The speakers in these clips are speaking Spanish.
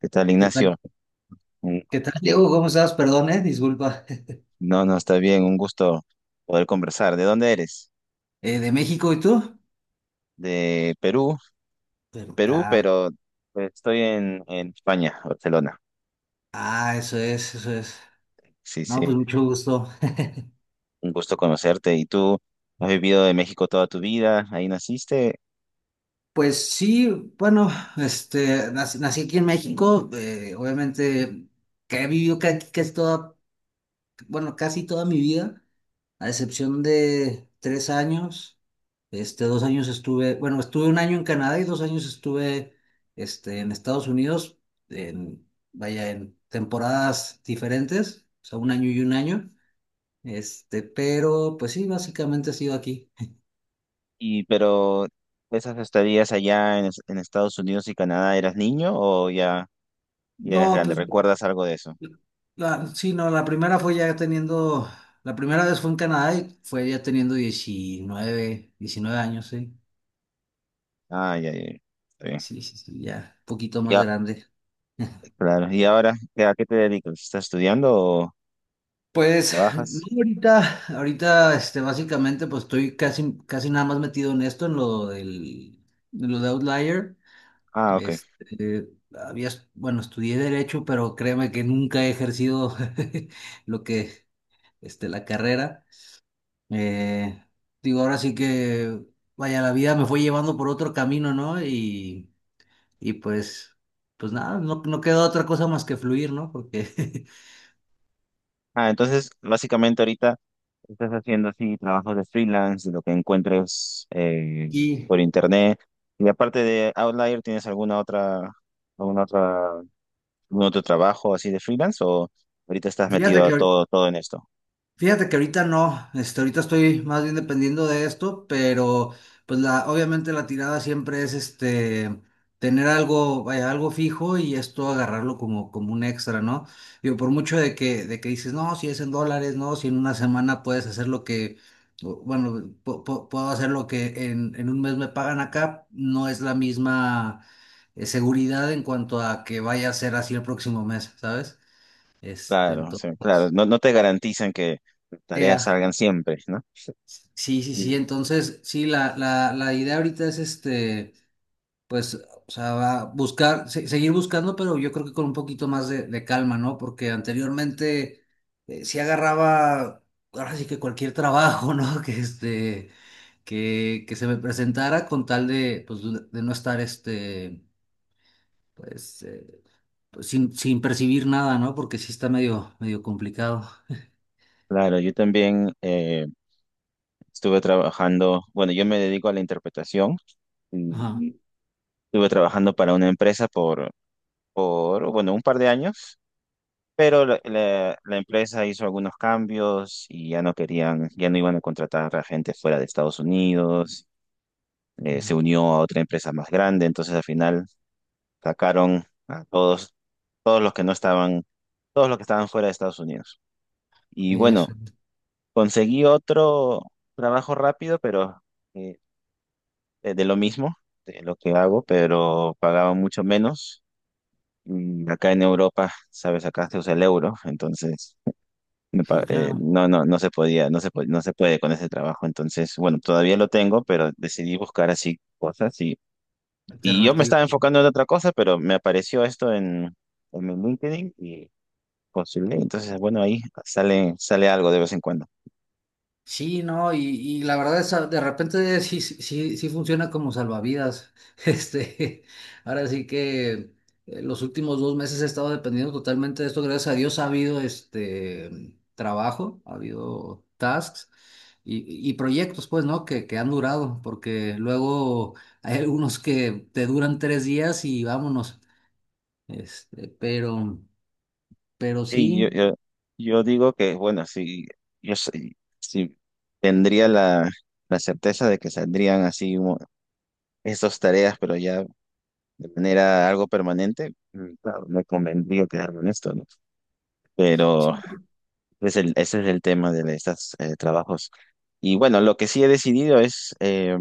¿Qué tal, ¿Qué tal? Ignacio? Un- ¿Qué tal, Diego? ¿Cómo estás? Perdón, disculpa. No, no, está bien, un gusto poder conversar. ¿De dónde eres? ¿De México y tú? De Perú, Pero, Perú, ah, pero pues, estoy en España, Barcelona. ah, eso es, eso es. Sí, No, sí, pues mucho gusto. un gusto conocerte. ¿Y tú has vivido en México toda tu vida? Ahí naciste, Pues sí, bueno, nací aquí en México, obviamente que he vivido casi toda, bueno, casi toda mi vida, a excepción de 3 años. Dos años estuve, bueno, estuve 1 año en Canadá y 2 años estuve, en Estados Unidos, en, vaya, en temporadas diferentes, o sea, 1 año y 1 año. Pero pues sí, básicamente he sido aquí. y pero esas estadías allá en, en Estados Unidos y Canadá, ¿eras niño o ya, ya eras No, grande? pues ¿Recuerdas algo de eso? Sí, no, la primera fue ya teniendo, la primera vez fue en Canadá y fue ya teniendo 19, 19 años, sí. Ah, ya, ya, ya. Está bien. Sí, sí, sí, ya, un poquito más Ya, grande. claro. ¿Y ahora a qué te dedicas? ¿Estás estudiando o Pues no, trabajas? ahorita, ahorita, básicamente, pues estoy casi, casi nada más metido en esto, en lo del, de lo de Outlier. Ah, ok. Este, Había, bueno, estudié derecho, pero créeme que nunca he ejercido lo que, la carrera. Eh, Digo, ahora sí que, vaya, la vida me fue llevando por otro camino, ¿no? Y pues, pues nada, no, no queda otra cosa más que fluir, ¿no? Porque Ah, entonces, básicamente ahorita estás haciendo así trabajos de freelance, de lo que encuentres Y por internet. Y aparte de Outlier, ¿tienes alguna otra, algún otro trabajo así de freelance? ¿O ahorita estás fíjate metido a que, todo en esto? fíjate que ahorita no, ahorita estoy más bien dependiendo de esto, pero pues la, obviamente la tirada siempre es tener algo, vaya, algo fijo y esto agarrarlo como, como un extra, ¿no? Digo, por mucho de que dices, no, si es en dólares, no, si en una semana puedes hacer lo que, bueno, puedo hacer lo que en un mes me pagan acá, no es la misma seguridad en cuanto a que vaya a ser así el próximo mes, ¿sabes? Este, Claro, o sea, claro. entonces. No, no te garantizan que las tareas Ea, salgan siempre, ¿no? sí, sí, sí. Sí. Entonces, sí, la idea ahorita es pues, o sea, buscar, seguir buscando, pero yo creo que con un poquito más de calma, ¿no? Porque anteriormente sí agarraba, ahora sí que cualquier trabajo, ¿no? Que que se me presentara con tal de, pues, de no estar pues, pues, sin, sin percibir nada, ¿no? Porque sí está medio, medio complicado. Claro, yo también estuve trabajando, bueno, yo me dedico a la interpretación Ajá. y estuve trabajando para una empresa por, bueno, un par de años. Pero la empresa hizo algunos cambios y ya no querían, ya no iban a contratar a gente fuera de Estados Unidos. Se Ya. unió a otra empresa más grande, entonces al final sacaron a todos, todos los que no estaban, todos los que estaban fuera de Estados Unidos. Y Eso. bueno, conseguí otro trabajo rápido, pero eh, de lo mismo, de lo que hago, pero pagaba mucho menos. Y acá en Europa, sabes, acá se usa el euro, entonces Sí, claro. no, no, no se podía, no se puede con ese trabajo. Entonces, bueno, todavía lo tengo, pero decidí buscar así cosas y yo me estaba Alternativa. enfocando en otra cosa, pero me apareció esto en mi LinkedIn y postulé. Entonces, bueno, ahí sale, sale algo de vez en cuando. Sí, no, y la verdad es de repente sí, sí, sí funciona como salvavidas. Este, Ahora sí que los últimos 2 meses he estado dependiendo totalmente de esto. Gracias a Dios ha habido trabajo, ha habido tasks y, y proyectos, pues, ¿no? Que han durado, porque luego hay algunos que te duran 3 días y vámonos. Este, pero, pero Y yo, sí. yo, yo digo que, bueno, si tendría la certeza de que saldrían así estas tareas, pero ya de manera algo permanente, claro, me convendría quedarme en esto, ¿no? Pero Sí. es ese es el tema de estos trabajos. Y bueno, lo que sí he decidido es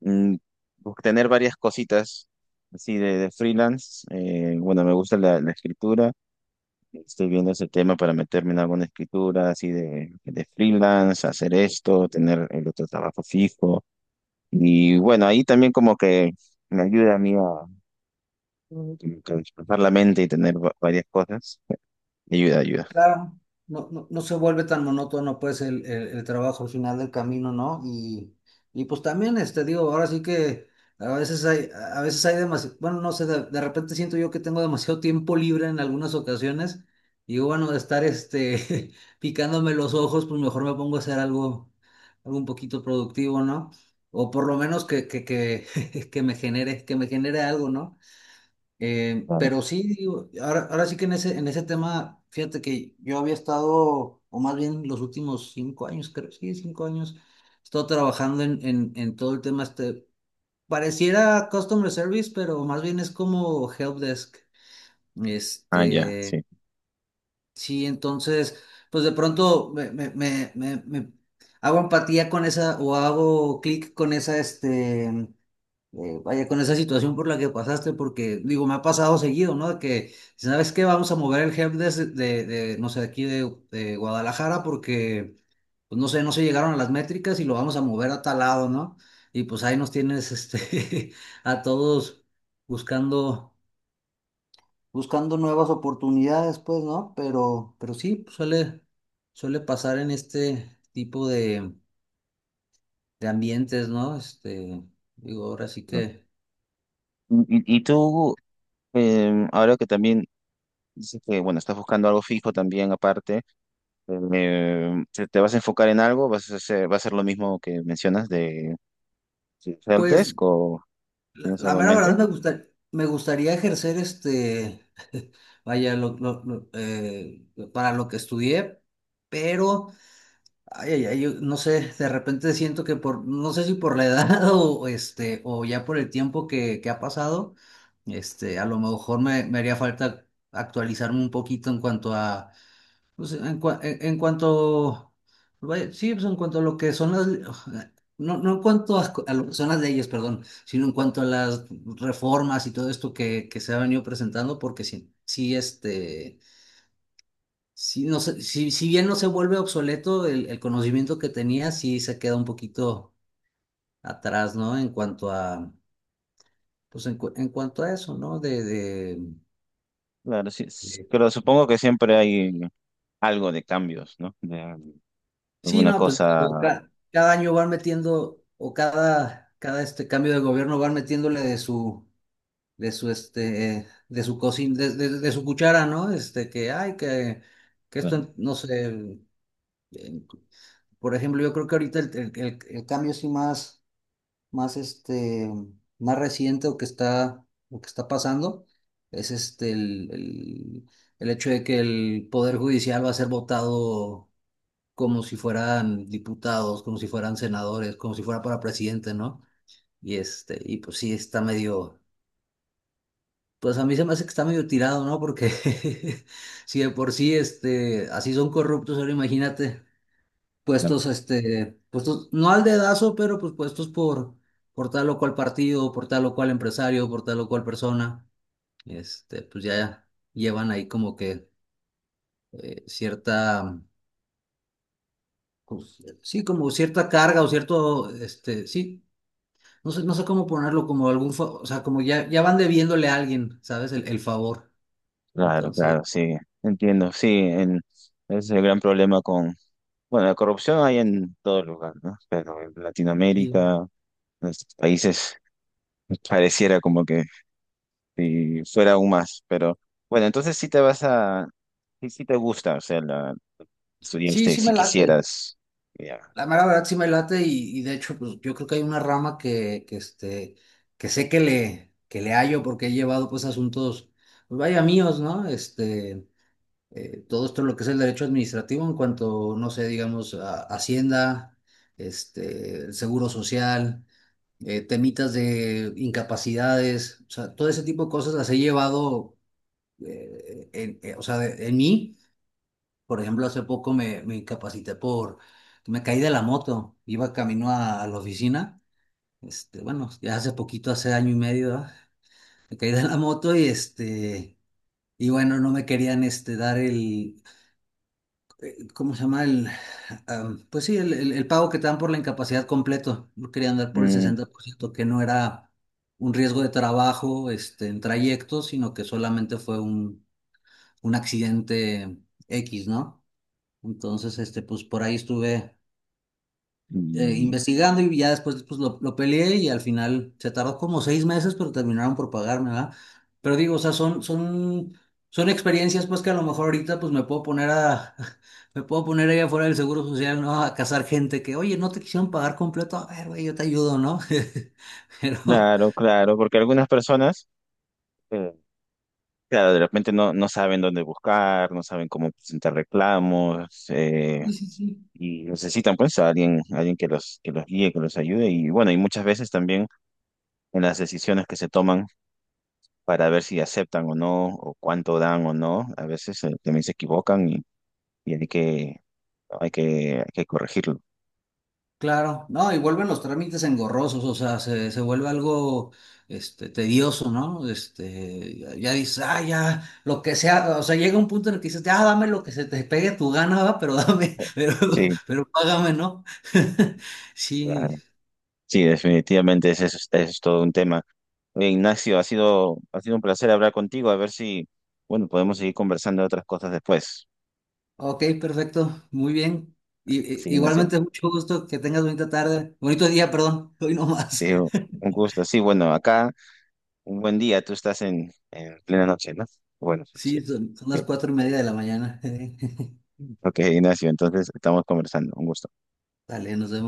mm, tener varias cositas así de freelance. Bueno, me gusta la escritura. Estoy viendo ese tema para meterme en alguna escritura así de freelance, hacer esto, tener el otro trabajo fijo. Y bueno, ahí también como que me ayuda a mí a, como que despejar la mente y tener varias cosas. Ayuda, ayuda. Claro, no, no, no se vuelve tan monótono pues el, el trabajo al final del camino, ¿no? Y pues también, digo, ahora sí que a veces hay demasiado, bueno, no sé, de repente siento yo que tengo demasiado tiempo libre en algunas ocasiones y digo, bueno, de estar, picándome los ojos, pues mejor me pongo a hacer algo, algo un poquito productivo, ¿no? O por lo menos que, que me genere algo, ¿no? Claro. Pero sí, digo, ahora, ahora sí que en ese tema, fíjate que yo había estado, o más bien los últimos 5 años, creo, sí, 5 años, he estado trabajando en todo el tema pareciera customer service, pero más bien es como help desk. Ah, ya, Este, sí. sí, entonces, pues de pronto me hago empatía con esa, o hago clic con esa, vaya, con esa situación por la que pasaste, porque digo, me ha pasado seguido, ¿no? De que, ¿sabes qué? Vamos a mover el help desk de, no sé, de aquí de Guadalajara porque, pues no sé, no se llegaron a las métricas y lo vamos a mover a tal lado, ¿no? Y pues ahí nos tienes, a todos buscando, buscando nuevas oportunidades, pues, ¿no? Pero sí, suele, suele pasar en este tipo de ambientes, ¿no? Digo, ahora sí que... Y, y tú, ahora que también dices que, bueno, estás buscando algo fijo también aparte, te vas a enfocar en algo? ¿Vas a hacer, va a ser lo mismo que mencionas de Pues helpdesk o La, tienes la algo en mera mente? verdad me gusta, me gustaría ejercer vaya, lo, para lo que estudié, pero, ay, ay, ay, yo no sé, de repente siento que por, no sé si por la edad o o ya por el tiempo que ha pasado, a lo mejor me, me haría falta actualizarme un poquito en cuanto a pues en, en cuanto, vaya, sí, pues en cuanto a lo que son las, no, no en cuanto a lo que son las leyes, perdón, sino en cuanto a las reformas y todo esto que se ha venido presentando, porque sí, sí, sí, no sé, si bien no se vuelve obsoleto el conocimiento que tenía, sí se queda un poquito atrás, ¿no? En cuanto a, pues en, en cuanto a eso, ¿no? Claro, sí, de, pero supongo que siempre hay algo de cambios, ¿no? De Sí, alguna no, pues cosa. digo, cada año van metiendo, o cada, cada este cambio de gobierno van metiéndole de su, de su de su cocina, de, de su cuchara, ¿no? Que ay, que Claro, esto, no sé, eh, por ejemplo, yo creo que ahorita el, el cambio sí más, más más reciente o que está pasando, es el hecho de que el poder judicial va a ser votado como si fueran diputados, como si fueran senadores, como si fuera para presidente, ¿no? Y y pues sí, está medio, pues a mí se me hace que está medio tirado, ¿no? Porque si de por sí, así son corruptos, ahora imagínate, claro, puestos, puestos, no al dedazo, pero pues puestos por tal o cual partido, por tal o cual empresario, por tal o cual persona, pues ya llevan ahí como que cierta, pues, sí, como cierta carga o cierto, sí, no sé, no sé cómo ponerlo, como algún, o sea, como ya, ya van debiéndole a alguien, ¿sabes? El favor. claro, Entonces, claro, sí, entiendo, sí, es el gran problema con, bueno, la corrupción hay en todo lugar, ¿no? Pero en sí. Latinoamérica, en nuestros países, pareciera como que si fuera aún más, pero bueno, entonces sí te vas a, sí, sí te gusta, o sea, la Sí, estudiaste, sí si me late. quisieras, ya. La mera verdad sí me late y de hecho, pues yo creo que hay una rama que que sé que le hallo porque he llevado pues asuntos, pues vaya míos, ¿no? Todo esto lo que es el derecho administrativo en cuanto, no sé, digamos, Hacienda, el Seguro Social, temitas de incapacidades, o sea, todo ese tipo de cosas las he llevado, o sea, en mí. Por ejemplo, hace poco me, me incapacité por, me caí de la moto, iba camino a la oficina, bueno, ya hace poquito, hace 1 año y medio, ¿verdad? Me caí de la moto y este... Y bueno, no me querían dar el, ¿cómo se llama el? Pues sí, el, el pago que te dan por la incapacidad completo. Yo quería andar por el Mm, 60%, que no era un riesgo de trabajo, en trayecto, sino que solamente fue un accidente X, ¿no? Entonces, pues por ahí estuve y investigando y ya después pues, lo peleé y al final se tardó como 6 meses, pero terminaron por pagarme, ¿verdad? Pero digo, o sea, son, son, son experiencias pues que a lo mejor ahorita pues me puedo poner a, me puedo poner ahí afuera del Seguro Social, ¿no? A cazar gente que, oye, no te quisieron pagar completo, a ver, güey, yo te ayudo, ¿no? Pero, claro, claro, porque algunas personas, eh, claro, de repente no, no saben dónde buscar, no saben cómo presentar reclamos, y necesitan pues a alguien, alguien que los guíe, que los ayude, y bueno, y muchas veces también en las decisiones que se toman para ver si aceptan o no, o cuánto dan o no, a veces también se equivocan y hay que hay que corregirlo. claro, no, y vuelven los trámites engorrosos, o sea, se vuelve algo tedioso, ¿no? Ya, ya dices, ah, ya, lo que sea, o sea, llega un punto en el que dices, ah, dame lo que se te pegue tu gana, va, pero dame, Sí, pero págame, ¿no? Sí, claro. Sí, definitivamente ese es todo un tema. Oye, Ignacio, ha sido un placer hablar contigo, a ver si, bueno, podemos seguir conversando de otras cosas después. ok, perfecto, muy bien. Y, Sí, Ignacio. igualmente, mucho gusto, que tengas bonita tarde, bonito día, perdón, hoy no más. Sí, un gusto. Sí, bueno, acá un buen día, tú estás en plena noche, ¿no? Bueno, sí. Sí, son, son las Sí. 4 y media de la mañana. Ok, Ignacio, entonces estamos conversando. Un gusto. Dale, nos vemos.